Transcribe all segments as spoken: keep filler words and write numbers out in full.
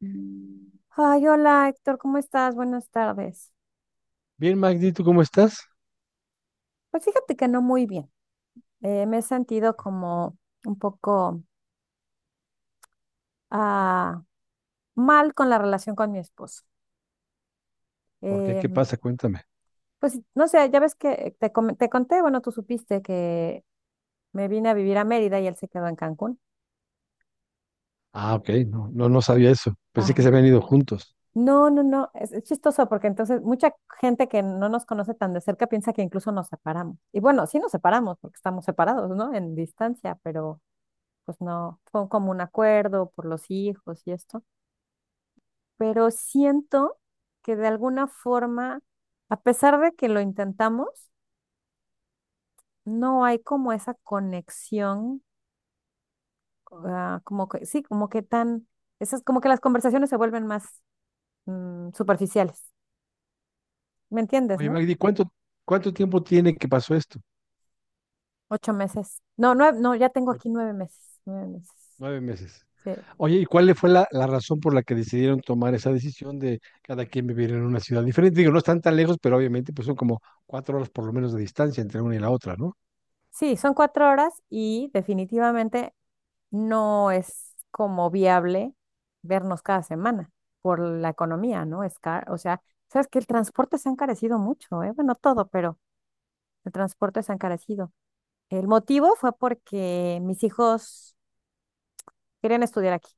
Mm, Ay, hola Héctor, ¿cómo estás? Buenas tardes. Bien, Magdi, ¿tú cómo estás? Pues fíjate que no muy bien. Eh, me he sentido como un poco ah, mal con la relación con mi esposo. ¿Por qué? Eh, ¿Qué pasa? Cuéntame. pues no sé, ya ves que te, com- te conté, bueno, tú supiste que me vine a vivir a Mérida y él se quedó en Cancún. Ah, ok, no, no, no sabía eso. Pensé que Ay, se habían ido juntos. no, no, no, es, es chistoso porque entonces mucha gente que no nos conoce tan de cerca piensa que incluso nos separamos. Y bueno, sí nos separamos porque estamos separados, ¿no? En distancia, pero... pues no, fue como un acuerdo por los hijos y esto, pero siento que de alguna forma, a pesar de que lo intentamos, no hay como esa conexión, ah, como que, sí, como que tan, esas, como que las conversaciones se vuelven más mm, superficiales, ¿me entiendes, Oye, no? Magdi, ¿cuánto, cuánto tiempo tiene que pasó esto? Ocho meses. No, nueve, no, ya tengo O- aquí nueve meses, nueve meses. Nueve meses. Sí. Oye, ¿y cuál le fue la, la razón por la que decidieron tomar esa decisión de cada quien vivir en una ciudad diferente? Digo, no están tan lejos, pero obviamente pues son como cuatro horas por lo menos de distancia entre una y la otra, ¿no? Sí, son cuatro horas y definitivamente no es como viable vernos cada semana por la economía, ¿no? Es car- o sea, sabes que el transporte se ha encarecido mucho, ¿eh? Bueno, todo, pero el transporte se ha encarecido. El motivo fue porque mis hijos querían estudiar aquí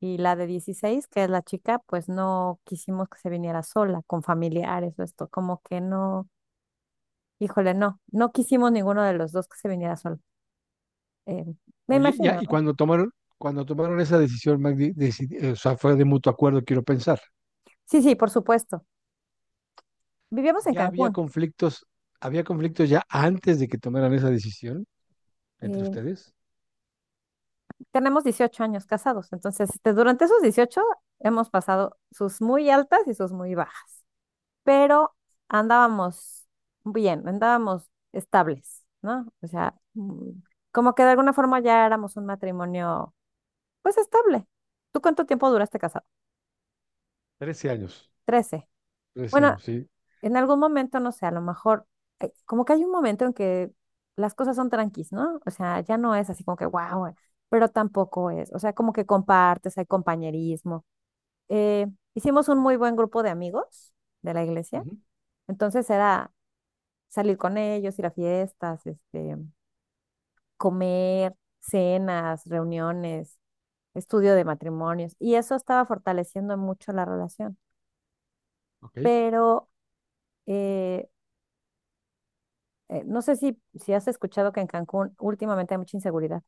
y la de dieciséis, que es la chica, pues no quisimos que se viniera sola, con familiares o esto, como que no, híjole, no, no quisimos ninguno de los dos que se viniera sola. eh, me Oye, ya, imagino, y ¿no? cuando tomaron, cuando tomaron esa decisión, Magdi, decidi- o sea, fue de mutuo acuerdo, quiero pensar. Sí, sí, por supuesto. Vivíamos en ¿Ya había Cancún. conflictos, había conflictos ya antes de que tomaran esa decisión entre eh, ustedes? tenemos dieciocho años casados, entonces este, durante esos dieciocho hemos pasado sus muy altas y sus muy bajas, pero andábamos bien, andábamos estables, ¿no? O sea, mm, como que de alguna forma ya éramos un matrimonio, pues estable. ¿Tú cuánto tiempo duraste casado? Trece años, Trece. trece Bueno, años, sí. en algún momento, no sé, a lo mejor, eh, como que hay un momento en que las cosas son tranquis, ¿no? O sea, ya no es así como que, wow, pero tampoco es, o sea, como que compartes, hay compañerismo, eh, hicimos un muy buen grupo de amigos de la iglesia. Ujú. Entonces era salir con ellos, ir a fiestas, este, comer, cenas, reuniones, estudio de matrimonios. Y eso estaba fortaleciendo mucho la relación. Ok, Pero eh, eh, no sé si, si has escuchado que en Cancún últimamente hay mucha inseguridad.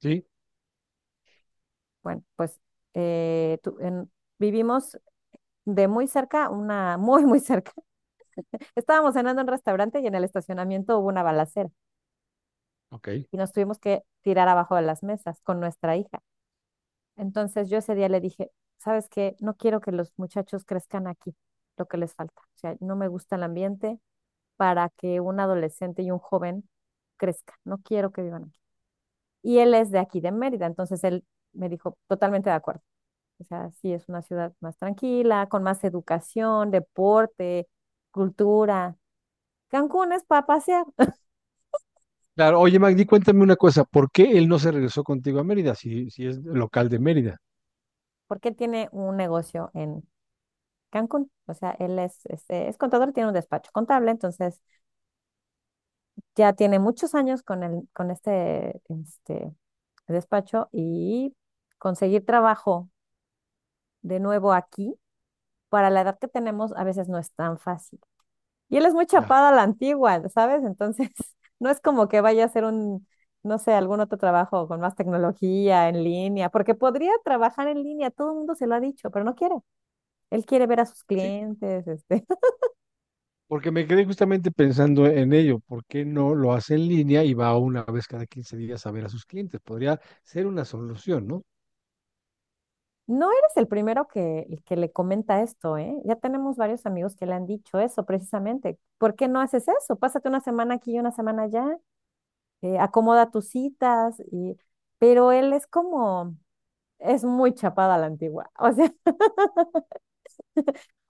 sí, Bueno, pues eh, tú- en- vivimos de muy cerca, una muy, muy cerca. Estábamos cenando en un restaurante y en el estacionamiento hubo una balacera. ok. Y nos tuvimos que tirar abajo de las mesas con nuestra hija. Entonces yo ese día le dije, ¿sabes qué? No quiero que los muchachos crezcan aquí, lo que les falta. O sea, no me gusta el ambiente para que un adolescente y un joven crezca. No quiero que vivan aquí. Y él es de aquí, de Mérida, entonces él me dijo, totalmente de acuerdo. O sea, sí es una ciudad más tranquila, con más educación, deporte, cultura. Cancún es para pasear, Claro, oye Magdi, cuéntame una cosa, ¿por qué él no se regresó contigo a Mérida si, si es local de Mérida? porque él tiene un negocio en Cancún. O sea, él es, este, es contador, tiene un despacho contable, entonces ya tiene muchos años con, el, con este, este despacho y conseguir trabajo de nuevo aquí, para la edad que tenemos, a veces no es tan fácil. Y él es muy Ya. chapado a la antigua, ¿sabes? Entonces, no es como que vaya a hacer un, no sé, algún otro trabajo con más tecnología en línea, porque podría trabajar en línea, todo el mundo se lo ha dicho, pero no quiere. Él quiere ver a sus Sí, clientes, este. porque me quedé justamente pensando en ello, ¿por qué no lo hace en línea y va una vez cada quince días a ver a sus clientes? Podría ser una solución, ¿no? No eres el primero que, el que le comenta esto, ¿eh? Ya tenemos varios amigos que le han dicho eso precisamente. ¿Por qué no haces eso? Pásate una semana aquí y una semana allá, eh, acomoda tus citas y... Pero él es como, es muy chapada a la antigua. O sea,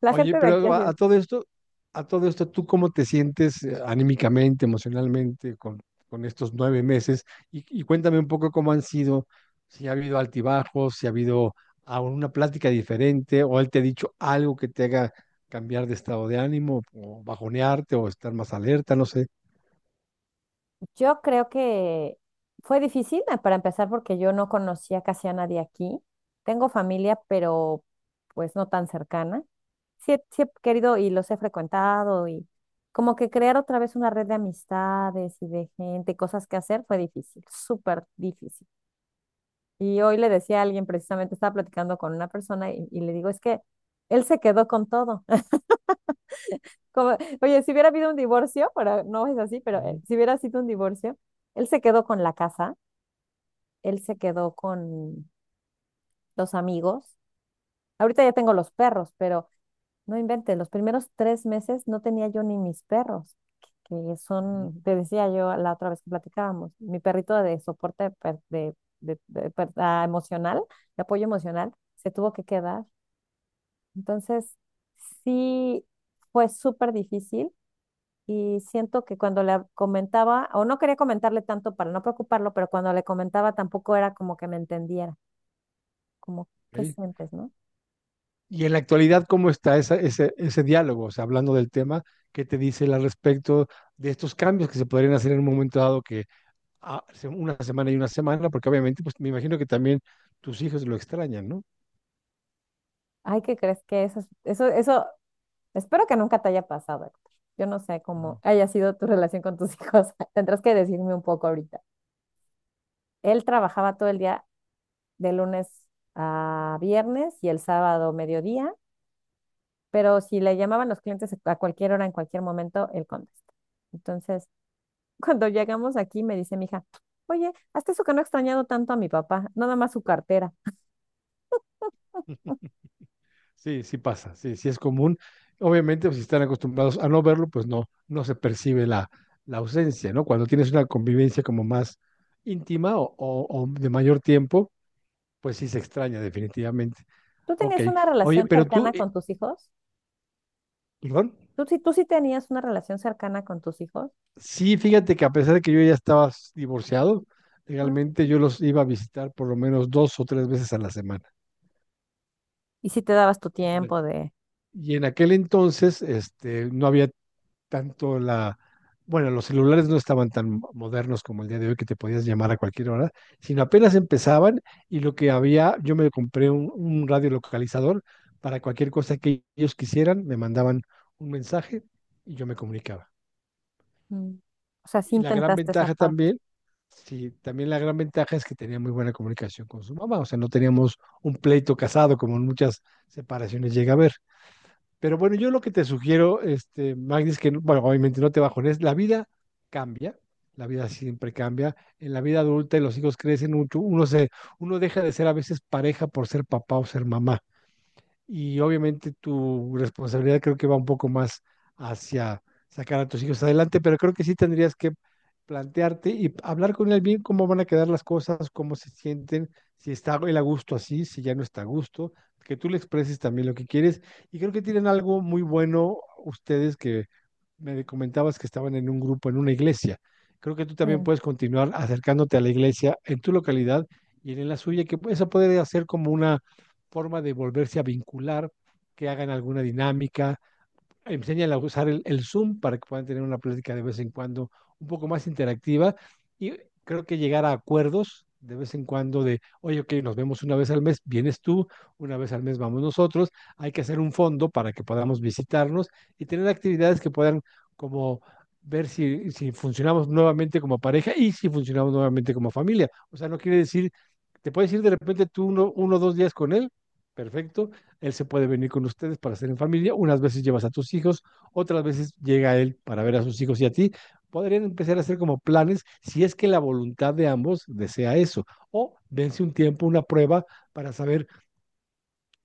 la Oye, gente de aquí pero así. a, a todo esto, a todo esto, ¿tú cómo te sientes eh, anímicamente, emocionalmente con, con estos nueve meses? Y, y cuéntame un poco cómo han sido, si ha habido altibajos, si ha habido alguna plática diferente, o él te ha dicho algo que te haga cambiar de estado de ánimo, o bajonearte, o estar más alerta, no sé. Yo creo que fue difícil eh, para empezar porque yo no conocía casi a nadie aquí. Tengo familia, pero pues no tan cercana. Sí, he sí he querido y los he frecuentado y como que crear otra vez una red de amistades y de gente, cosas que hacer, fue difícil, súper difícil. Y hoy le decía a alguien, precisamente estaba platicando con una persona y, y le digo, es que él se quedó con todo. Como, oye, si hubiera habido un divorcio, pero no es así, pero eh, Ujú, si hubiera sido un divorcio, él se quedó con la casa. Él se quedó con los amigos. Ahorita ya tengo los perros, pero no inventes, los primeros tres meses no tenía yo ni mis perros, que que ujú. son, te decía yo la otra vez que platicábamos, mi perrito de soporte per- de, de- de per- ah, emocional, de apoyo emocional, se tuvo que quedar. Entonces, sí fue súper difícil y siento que cuando le comentaba, o no quería comentarle tanto para no preocuparlo, pero cuando le comentaba tampoco era como que me entendiera. Como qué Ok. sientes, ¿no? Y en la actualidad, ¿cómo está esa- ese, ese diálogo? O sea, hablando del tema, ¿qué te dice él al respecto de estos cambios que se podrían hacer en un momento dado que a- se- una semana y una semana, porque obviamente, pues me imagino que también tus hijos lo extrañan, ¿no? Ay, ¿qué crees que eso, es- eso, eso, espero que nunca te haya pasado, Héctor. Yo no sé Ujú. cómo haya sido tu relación con tus hijos. Tendrás que decirme un poco ahorita. Él trabajaba todo el día de lunes a viernes y el sábado mediodía, pero si le llamaban los clientes a cualquier hora, en cualquier momento, él contesta. Entonces, cuando llegamos aquí, me dice mi hija, oye, hasta eso que no he extrañado tanto a mi papá, nada más su cartera. Sí, sí pasa, sí, sí es común. Obviamente, pues, si están acostumbrados a no verlo, pues no, no se percibe la, la ausencia, ¿no? Cuando tienes una convivencia como más íntima o, o- o de mayor tiempo, pues sí se extraña definitivamente. ¿Tú Ok, tenías una oye, relación pero tú, cercana eh, con tus hijos? perdón, Tú sí, tú sí tenías una relación cercana con tus hijos. sí, fíjate que a pesar de que yo ya estaba divorciado, Ah. legalmente yo los iba a visitar por lo menos dos o tres veces a la semana. Y sí te dabas tu tiempo de. Y en aquel entonces, este, no había tanto la, bueno, los celulares no estaban tan modernos como el día de hoy que te podías llamar a cualquier hora, sino apenas empezaban y lo que había, yo me compré un, un radio localizador para cualquier cosa que ellos quisieran, me mandaban un mensaje y yo me comunicaba. Mm. O sea, sí Y la gran intentaste esa ventaja parte. también, sí, también la gran ventaja es que tenía muy buena comunicación con su mamá, o sea, no teníamos un pleito casado como en muchas separaciones llega a haber. Pero bueno, yo lo que te sugiero, este, Magdi, es que, no- bueno, obviamente no te bajones, la vida cambia, la vida siempre cambia. En la vida adulta los hijos crecen mucho, uno se, uno deja de ser a veces pareja por ser papá o ser mamá y obviamente tu responsabilidad creo que va un poco más hacia sacar a tus hijos adelante, pero creo que sí tendrías que plantearte y hablar con él bien cómo van a quedar las cosas, cómo se sienten, si está él a gusto así, si ya no está a gusto, que tú le expreses también lo que quieres. Y creo que tienen algo muy bueno ustedes que me comentabas que estaban en un grupo, en una iglesia. Creo que tú Sí. también puedes continuar acercándote a la iglesia en tu localidad y en la suya, que eso puede hacer como una forma de volverse a vincular, que hagan alguna dinámica, enseñan a usar el, el, Zoom para que puedan tener una plática de vez en cuando un poco más interactiva y creo que llegar a acuerdos de vez en cuando de, oye, ok, nos vemos una vez al mes, vienes tú, una vez al mes vamos nosotros, hay que hacer un fondo para que podamos visitarnos y tener actividades que puedan como ver si, si funcionamos nuevamente como pareja y si, funcionamos nuevamente como familia. O sea, no quiere decir, te puedes ir de repente tú uno, uno o dos días con él, perfecto, él se puede venir con ustedes para hacer en familia. Unas veces llevas a tus hijos, otras veces llega él para ver a sus hijos y a ti. Podrían empezar a hacer como planes si es que la voluntad de ambos desea eso. O dense un tiempo, una prueba para saber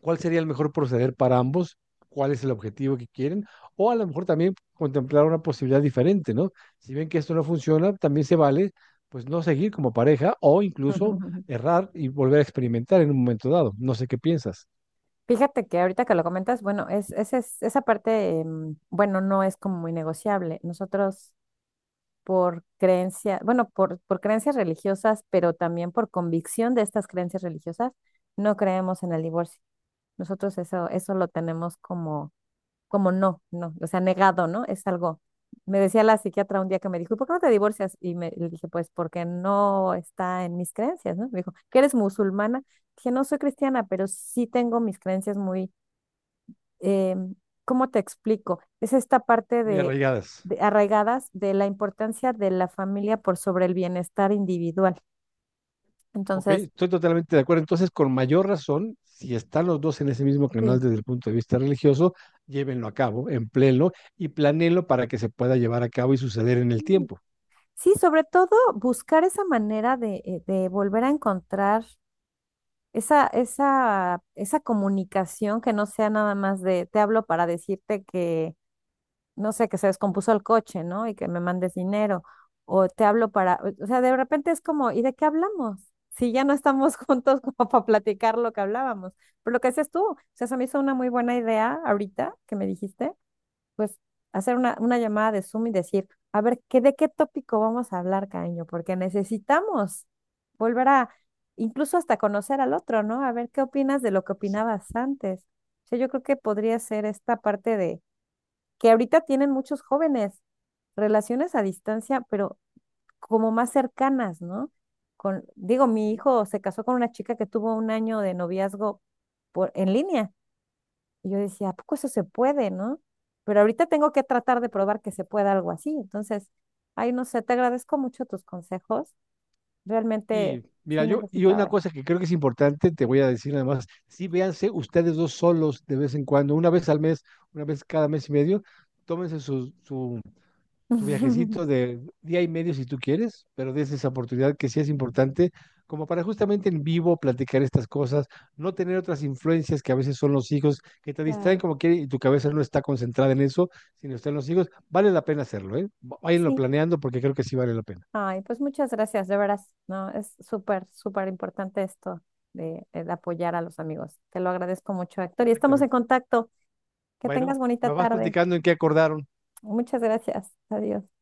cuál sería el mejor proceder para ambos, cuál es el objetivo que quieren. O a lo mejor también contemplar una posibilidad diferente, ¿no? Si ven que esto no funciona, también se vale, pues no seguir como pareja o incluso errar y volver a experimentar en un momento dado. No sé qué piensas. Fíjate que ahorita que lo comentas, bueno, es, ese es- esa parte, em, bueno, no es como muy negociable. Nosotros por creencia, bueno, por, por creencias religiosas, pero también por convicción de estas creencias religiosas, no creemos en el divorcio. Nosotros eso, eso lo tenemos como como no, no, o sea, negado, ¿no? Es algo. Me decía la psiquiatra un día que me dijo, ¿y por qué no te divorcias? Y me, le dije, pues porque no está en mis creencias, ¿no? Me dijo, ¿que eres musulmana? Dije, no soy cristiana, pero sí tengo mis creencias muy, eh, ¿cómo te explico? Es esta parte Muy de, arraigadas. de arraigadas de la importancia de la familia por sobre el bienestar individual. Ok, Entonces, estoy totalmente de acuerdo. Entonces, con mayor razón, si están los dos en ese mismo canal sí. desde el punto de vista religioso, llévenlo a cabo, empléenlo y planéenlo para que se pueda llevar a cabo y suceder en el Mm. tiempo. Sí, sobre todo buscar esa manera de, eh, de volver a encontrar Esa, esa, esa comunicación que no sea nada más de te hablo para decirte que, no sé, que se descompuso el coche, ¿no? Y que me mandes dinero. O te hablo para, o sea, de repente es como, ¿y de qué hablamos? Si ya no estamos juntos como para platicar lo que hablábamos. Pero lo que haces tú, o sea, se me hizo una muy buena idea ahorita que me dijiste pues hacer una, una llamada de Zoom y decir, a ver, ¿qué, de qué tópico vamos a hablar, cariño? Porque necesitamos volver a, incluso hasta conocer al otro, ¿no? A ver, ¿qué opinas de lo que opinabas antes? O sea, yo creo que podría ser esta parte de, que ahorita tienen muchos jóvenes, relaciones a distancia, pero como más cercanas, ¿no? Con, digo, mi Sí. hijo se casó con una chica que tuvo un año de noviazgo por, en línea y yo decía, ¿a poco eso se puede, no? Pero ahorita tengo que tratar de probar que se pueda algo así. Entonces, ay, no sé, te agradezco mucho tus consejos. Realmente Y mira, sí yo, y una necesitaba eso. cosa que creo que es importante, te voy a decir además, sí véanse ustedes dos solos de vez en cuando, una vez al mes, una vez cada mes y medio, tómense su, su tu viajecito de día y medio si tú quieres, pero des esa oportunidad que sí es importante, como para justamente en vivo platicar estas cosas, no tener otras influencias que a veces son los hijos, que te distraen Claro, como quieren y tu cabeza no está concentrada en eso, sino está en los hijos, vale la pena hacerlo, ¿eh? Váyanlo sí. planeando porque creo que sí vale la pena. Ay, pues muchas gracias, de veras, ¿no? Es súper, súper importante esto de, eh, de apoyar a los amigos. Te lo agradezco mucho, Héctor. Y estamos en Exactamente. contacto. Que Bueno, tengas bonita me vas tarde. platicando en qué acordaron. Muchas gracias. Adiós.